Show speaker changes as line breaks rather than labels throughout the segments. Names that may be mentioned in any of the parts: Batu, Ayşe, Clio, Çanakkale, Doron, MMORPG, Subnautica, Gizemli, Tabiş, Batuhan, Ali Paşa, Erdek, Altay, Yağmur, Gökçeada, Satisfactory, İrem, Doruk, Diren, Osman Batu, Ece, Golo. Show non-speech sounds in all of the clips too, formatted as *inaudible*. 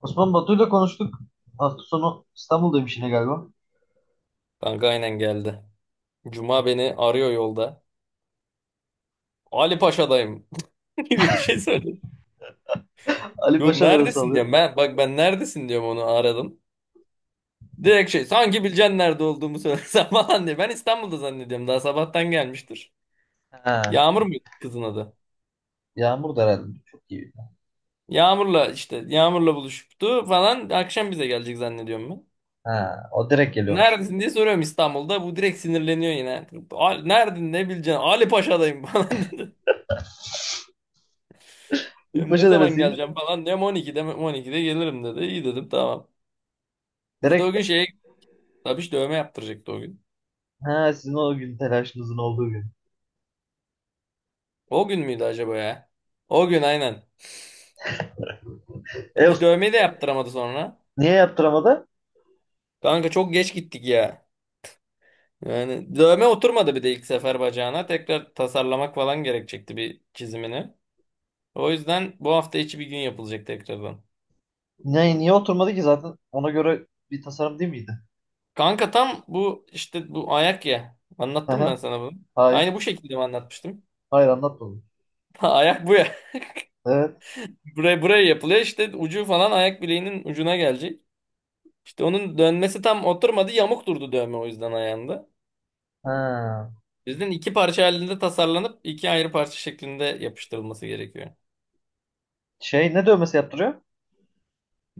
Osman Batu'yla konuştuk. Hafta sonu İstanbul'daymış yine galiba.
Kanka aynen geldi. Cuma beni arıyor yolda. Ali Paşa'dayım *laughs* gibi bir şey söyledi.
Ali
Yok,
Paşa neresi
neredesin
alıyor?
diyorum ben. Bak ben neredesin diyorum, onu aradım. Direkt şey, sanki bileceksin nerede olduğumu söylesem *laughs* falan diye. Ben İstanbul'da zannediyorum, daha sabahtan gelmiştir.
Ha,
Yağmur mu kızın adı?
Yağmur da herhalde. Çok iyi.
Yağmur'la işte, Yağmur'la buluştu falan, akşam bize gelecek zannediyorum ben.
Ha, o direkt geliyormuş.
Neredesin diye soruyorum, İstanbul'da. Bu direkt sinirleniyor yine. Nerede ne bileceksin? Ali Paşa'dayım" *laughs* falan dedi.
Ali
Diyorum ne
Paşa
zaman
neresiymiş?
geleceğim falan. Diyorum 12'de mi? 12'de gelirim dedi. İyi dedim, tamam. Biz de o gün
Direkt
şeye, Tabiş dövme yaptıracaktı o gün.
ha, sizin o gün telaşınızın olduğu gün.
O gün müydü acaba ya? O gün aynen.
E,
Tabiş dövmeyi de yaptıramadı sonra.
Niye yaptıramadı?
Kanka çok geç gittik ya. Yani dövme oturmadı, bir de ilk sefer bacağına. Tekrar tasarlamak falan gerekecekti, bir çizimini. O yüzden bu hafta içi bir gün yapılacak tekrardan.
Niye oturmadı ki zaten ona göre bir tasarım değil miydi?
Kanka tam bu işte, bu ayak ya.
Hı
Anlattım ben
hı.
sana bunu.
Hayır.
Aynı bu şekilde mi anlatmıştım?
Hayır anlatmadım.
*laughs* Ayak bu.
Evet.
Buraya yapılıyor işte, ucu falan ayak bileğinin ucuna gelecek. İşte onun dönmesi tam oturmadı, yamuk durdu dövme o yüzden ayağında.
Ha.
Bizden iki parça halinde tasarlanıp iki ayrı parça şeklinde yapıştırılması gerekiyor.
Şey, ne dövmesi yaptırıyor?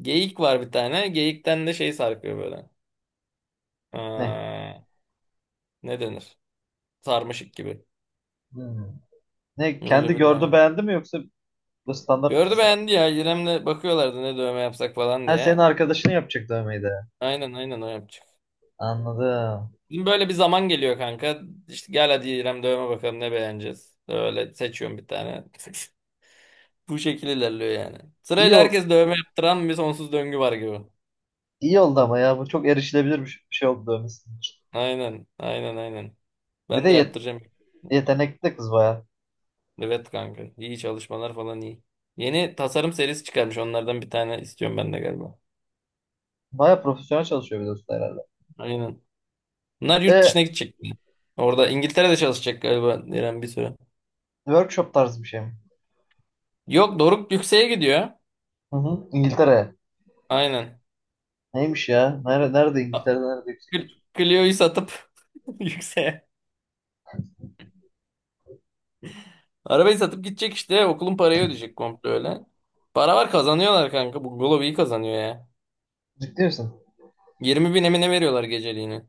Geyik var bir tane. Geyikten de şey sarkıyor böyle.
Ne?
Aa, ne denir? Sarmaşık gibi.
Hmm. Ne,
Öyle
kendi
bir
gördü
dövme.
beğendi mi yoksa bu standart
Gördü
tasarım?
beğendi ya. İrem'le bakıyorlardı ne dövme yapsak falan
Ha, senin
diye.
arkadaşını yapacak dövmeyi de.
Aynen, aynen, o yapacak.
Anladım.
Bizim böyle bir zaman geliyor kanka. İşte gel hadi İrem, dövme bakalım ne beğeneceğiz. Böyle seçiyorum bir tane. *laughs* Bu şekilde ilerliyor yani.
İyi
Sırayla
ol
herkes dövme yaptıran bir sonsuz döngü var gibi.
iyi oldu ama ya, bu çok erişilebilir bir şey oldu dövmesi için.
Aynen, aynen, aynen.
Bir de
Ben de yaptıracağım.
yetenekli de kız baya.
Evet kanka. İyi çalışmalar falan, iyi. Yeni tasarım serisi çıkarmış. Onlardan bir tane istiyorum ben de galiba.
Baya profesyonel çalışıyor, bir de usta herhalde.
Aynen. Bunlar yurt
E,
dışına gidecek. Orada İngiltere'de çalışacak galiba Diren bir süre.
workshop tarzı bir şey mi?
Yok, Doruk yükseğe gidiyor.
Hı hı. İngiltere.
Aynen.
Neymiş ya? Nerede,
A-
İngiltere'de nerede yüksek
Cl-
yapacak?
Clio'yu satıp *laughs* yükseğe. Arabayı satıp gidecek işte. Okulun parayı ödeyecek komple öyle. Para var, kazanıyorlar kanka. Bu Golo iyi kazanıyor ya.
Ciddi misin?
20.000 emine veriyorlar geceliğini.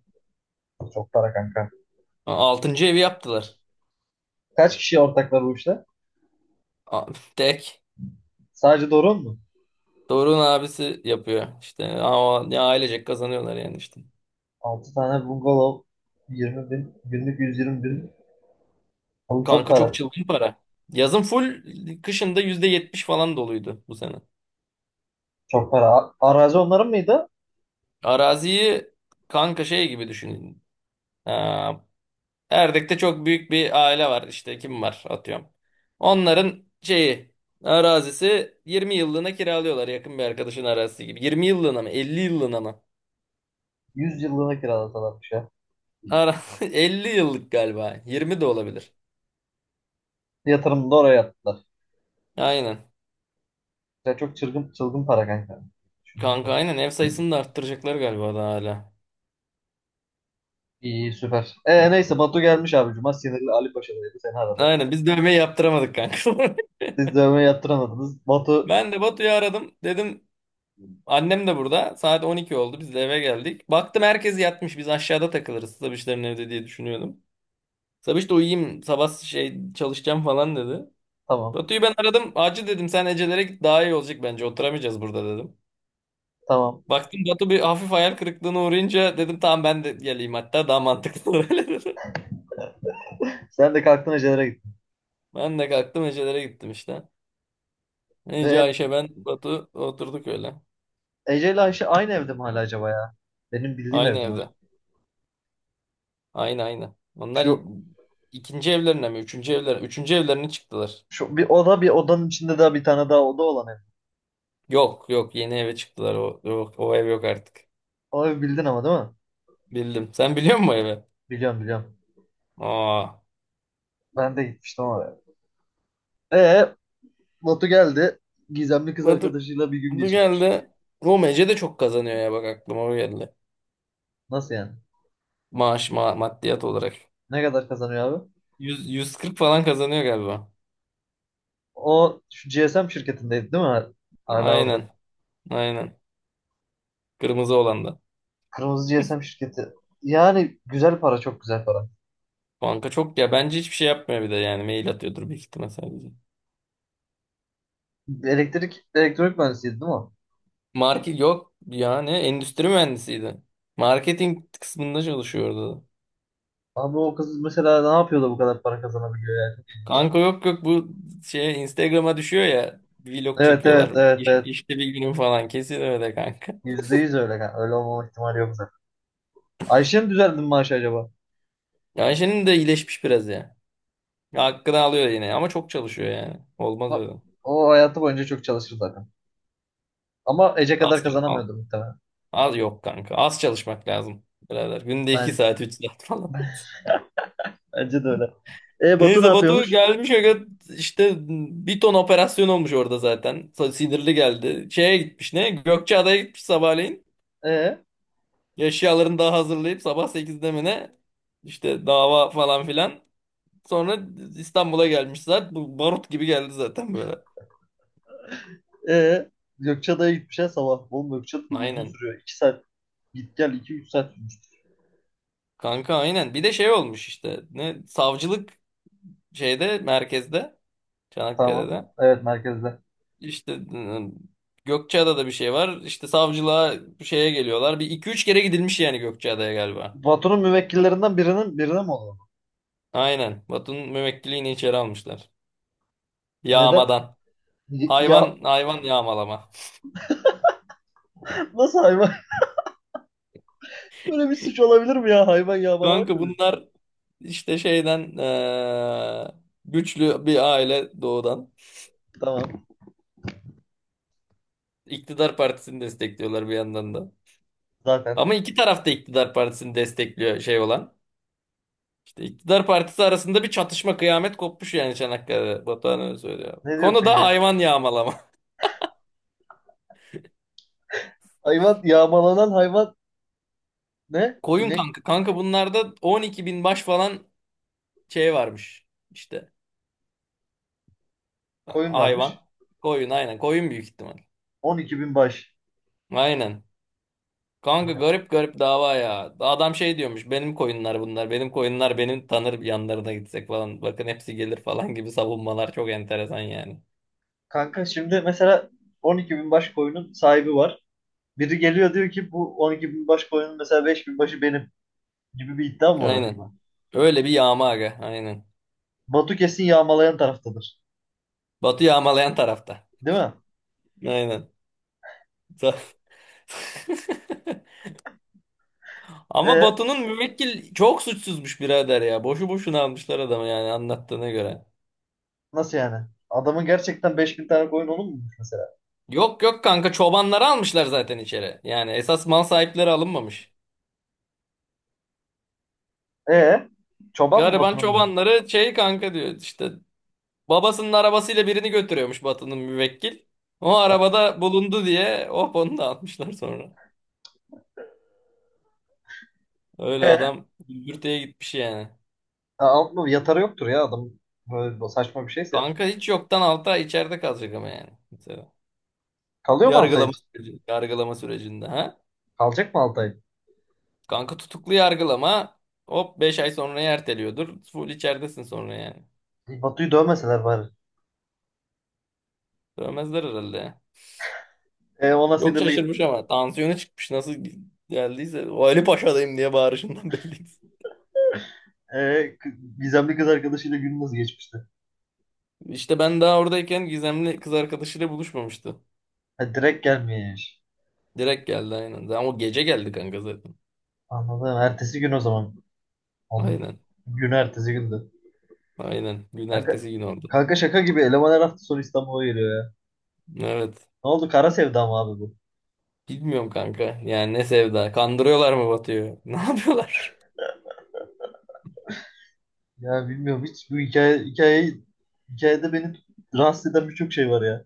Çok para kanka.
Altıncı evi yaptılar.
Kaç kişi ortaklar bu işte?
A- Tek.
Sadece Doron mu?
Doruk'un abisi yapıyor. İşte ama ya ailecek kazanıyorlar yani işte.
6 tane bungalov. 20.000 günlük 120.000. Oğlum çok
Kanka çok
para.
çılgın para. Yazın full, kışında %70 falan doluydu bu sene.
Çok para. Arazi onların mıydı?
Araziyi kanka şey gibi düşünün. Aa, Erdek'te çok büyük bir aile var işte, kim var atıyorum. Onların şeyi, arazisi, 20 yıllığına kiralıyorlar, yakın bir arkadaşın arazisi gibi. 20 yıllığına mı, 50 yıllığına mı?
100 yıllığına kiralasalarmış ya.
Ara *laughs* 50 yıllık galiba. 20 de olabilir.
Yatırımını da oraya yaptılar.
Aynen.
Sen, çok çılgın çılgın para kanka. Düşündüm de.
Kanka aynen, ev sayısını da arttıracaklar galiba daha hala.
İyi, süper. Neyse Batu gelmiş abi. Cuma sinirli Ali Paşa'daydı. Seni aradı.
Aynen, biz dövmeyi yaptıramadık kanka. *laughs*
Siz dövmeyi yaptıramadınız. Batu,
Ben de Batu'yu aradım. Dedim annem de burada. Saat 12 oldu. Biz de eve geldik. Baktım herkes yatmış. Biz aşağıda takılırız, Sabişlerin evde diye düşünüyordum. Sabiş de uyuyayım, sabah şey çalışacağım falan dedi.
tamam.
Batu'yu ben aradım. Acil dedim, sen Ecelere git, daha iyi olacak bence. Oturamayacağız burada dedim.
Tamam.
Baktım Batu bir hafif hayal kırıklığına uğrayınca dedim tamam ben de geleyim, hatta daha mantıklı olur *laughs* öyle dedim.
Sen de kalktın Ece'lere gittin.
Ben de kalktım Ece'lere gittim işte. Ece,
Ee,
Ayşe, ben, Batu oturduk öyle.
Ece ile Ayşe aynı evde mi hala acaba ya? Benim bildiğim
Aynı
evde mi
evde.
acaba?
Aynı aynı. Onlar
Şu,
ikinci evlerine mi? Üçüncü evlerine. Üçüncü evlerine çıktılar.
şu bir oda, bir odanın içinde daha bir tane daha oda olan ev.
Yok yok, yeni eve çıktılar. O, yok, o ev yok artık.
O evi bildin ama, değil mi?
Bildim. Sen biliyor musun o evi?
Biliyorum, biliyorum.
Aa.
Ben de gitmiştim oraya. Ee, Batu geldi. Gizemli kız
Batu,
arkadaşıyla bir gün
Batu
geçirmiş.
geldi. Oğlum, Ece de çok kazanıyor ya, bak aklıma o geldi.
Nasıl yani?
Maaş, maddiyat olarak.
Ne kadar kazanıyor abi?
Yüz kırk falan kazanıyor galiba.
O şu GSM şirketindeydi değil mi? Hala orada.
Aynen. Aynen. Kırmızı olan da.
Kırmızı GSM şirketi. Yani güzel para, çok güzel para.
Banka çok ya, bence hiçbir şey yapmıyor bir de, yani mail atıyordur büyük ihtimal sadece.
Elektrik, elektronik mühendisiydi değil mi?
Market yok, yani endüstri mühendisiydi. Marketing kısmında çalışıyordu.
Abi o kız mesela ne yapıyor da bu kadar para kazanabiliyor yani? Çok ilginç.
Kanka yok yok, bu şey Instagram'a düşüyor ya, vlog
Evet, evet,
çekiyorlar.
evet, evet.
İşte bir günün falan, kesin öyle kanka.
%100 öyle. Yani. Öyle olmama ihtimali yok zaten. Ayşe'nin düzeldi mi maaşı acaba?
Ayşe'nin de iyileşmiş biraz ya. Hakkını alıyor yine ama çok çalışıyor yani. Olmaz
Ha.
öyle.
O hayatı boyunca çok çalışır zaten. Ama Ece
Az,
kadar
çal- al-
kazanamıyordur muhtemelen.
az yok kanka. Az çalışmak lazım birader. Günde 2
Ben,
saat 3 saat falan.
*laughs*
*laughs*
bence de öyle. E, Batu ne
Neyse, Batu
yapıyormuş?
gelmiş aga, işte bir ton operasyon olmuş orada zaten. Sinirli geldi. Şeye gitmiş, ne? Gökçeada'ya gitmiş sabahleyin.
E?
Eşyalarını daha hazırlayıp sabah 8'de mi ne? İşte dava falan filan. Sonra İstanbul'a gelmiş zaten. Bu barut gibi geldi zaten böyle.
Ee, Gökçeada'ya gitmişler sabah. Oğlum Gökçeada da uzun
Aynen.
sürüyor. 2 saat git gel, iki üç saat sürmüş.
Kanka aynen. Bir de şey olmuş işte. Ne? Savcılık şeyde, merkezde.
Tamam.
Çanakkale'de.
Evet, merkezde.
İşte Gökçeada'da bir şey var. İşte savcılığa bir şeye geliyorlar. Bir iki üç kere gidilmiş yani Gökçeada'ya galiba.
Patronun müvekkillerinden birinin birine mi oluyor?
Aynen. Batu'nun müvekkiliğini içeri almışlar.
Neden?
Yağmadan.
Ya,
Hayvan yağmalama.
*laughs* nasıl hayvan? *laughs* Böyle bir suç olabilir mi ya? Hayvan yağmalamak
Kanka
mı?
bunlar işte şeyden güçlü bir aile doğudan.
Tamam.
İktidar partisini destekliyorlar bir yandan da.
Zaten.
Ama iki taraf da iktidar partisini destekliyor şey olan. İşte iktidar partisi arasında bir çatışma, kıyamet kopmuş yani Çanakkale'de. Batuhan öyle söylüyor.
Ne
Konu
diyorsun
da
ya?
hayvan yağmalama.
Hayvan yağmalanan hayvan ne?
Koyun
İnek,
kanka. Kanka bunlarda 12 bin baş falan şey varmış. İşte
koyun
hayvan.
varmış.
Koyun aynen. Koyun büyük ihtimal.
12.000 baş.
Aynen. Kanka
Kanka
garip garip dava ya. Adam şey diyormuş. Benim koyunlar bunlar. Benim koyunlar, benim tanır, yanlarına gitsek falan, bakın hepsi gelir falan gibi savunmalar çok enteresan yani.
kanka şimdi mesela 12.000 baş koyunun sahibi var. Biri geliyor diyor ki, bu 12.000 baş koyunun mesela 5.000 başı benim, gibi bir iddiam var
Aynen.
ortada.
Öyle bir yağma aga. Aynen.
Batu kesin yağmalayan taraftadır.
Batı yağmalayan tarafta.
Değil mi?
Aynen. Sa- *laughs* Ama
E,
Batu'nun müvekkil çok suçsuzmuş birader ya. Boşu boşuna almışlar adamı yani anlattığına göre.
nasıl yani? Adamın gerçekten 5.000 tane koyun olur mu mesela?
Yok yok kanka, çobanları almışlar zaten içeri. Yani esas mal sahipleri alınmamış.
E, çoban mı
Gariban
Batu'nun mu?
çobanları, şey kanka, diyor işte babasının arabasıyla birini götürüyormuş Batı'nın müvekkil. O arabada bulundu diye hop onu da atmışlar sonra. Öyle
E,
adam gümbürtüye gitmiş yani.
alt mı? Yatarı yoktur ya adam. Böyle saçma bir şeyse.
Kanka hiç yoktan alta, içeride kalacak ama yani. Mesela.
Kalıyor mu Altay için?
Yargılama sürecinde ha.
Kalacak mı Altay?
Kanka tutuklu yargılama, hop 5 ay sonra erteliyordur. Full içeridesin sonra yani.
E, Batu'yu dövmeseler bari.
Dövmezler herhalde.
E, ona
Çok
sinirli.
şaşırmış, ama tansiyonu çıkmış nasıl geldiyse. O Ali Paşa'dayım diye bağırışından *laughs* belliydi.
e, k- Gizemli kız arkadaşıyla gün nasıl geçmişti?
İşte ben daha oradayken gizemli kız arkadaşıyla buluşmamıştı.
Ha, direkt gelmiyor yani.
Direkt geldi aynen. Ama o gece geldi kanka zaten.
Anladım. Ertesi gün o zaman. Onun,
Aynen.
Gün ertesi gündü.
Aynen. Gün
Kanka,
ertesi gün oldu.
kanka şaka gibi. Elemanlar her hafta sonu İstanbul'a geliyor ya.
Evet.
Ne oldu, kara sevda mı abi bu?
Bilmiyorum kanka. Yani ne sevda. Kandırıyorlar mı Batu'yu? *laughs* Ne yapıyorlar?
Ya bilmiyorum, hiç bu hikayede beni rahatsız eden birçok şey var ya.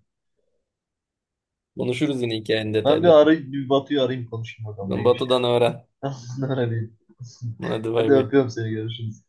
Konuşuruz yine hikayenin
Ben
detaylarını.
bir Batu'yu arayayım, konuşayım bakalım neymiş ya.
Batu'dan öğren.
*laughs* Tamam, öğreneyim. *laughs*
Hadi bay
Hadi,
bay.
öpüyorum seni, görüşürüz.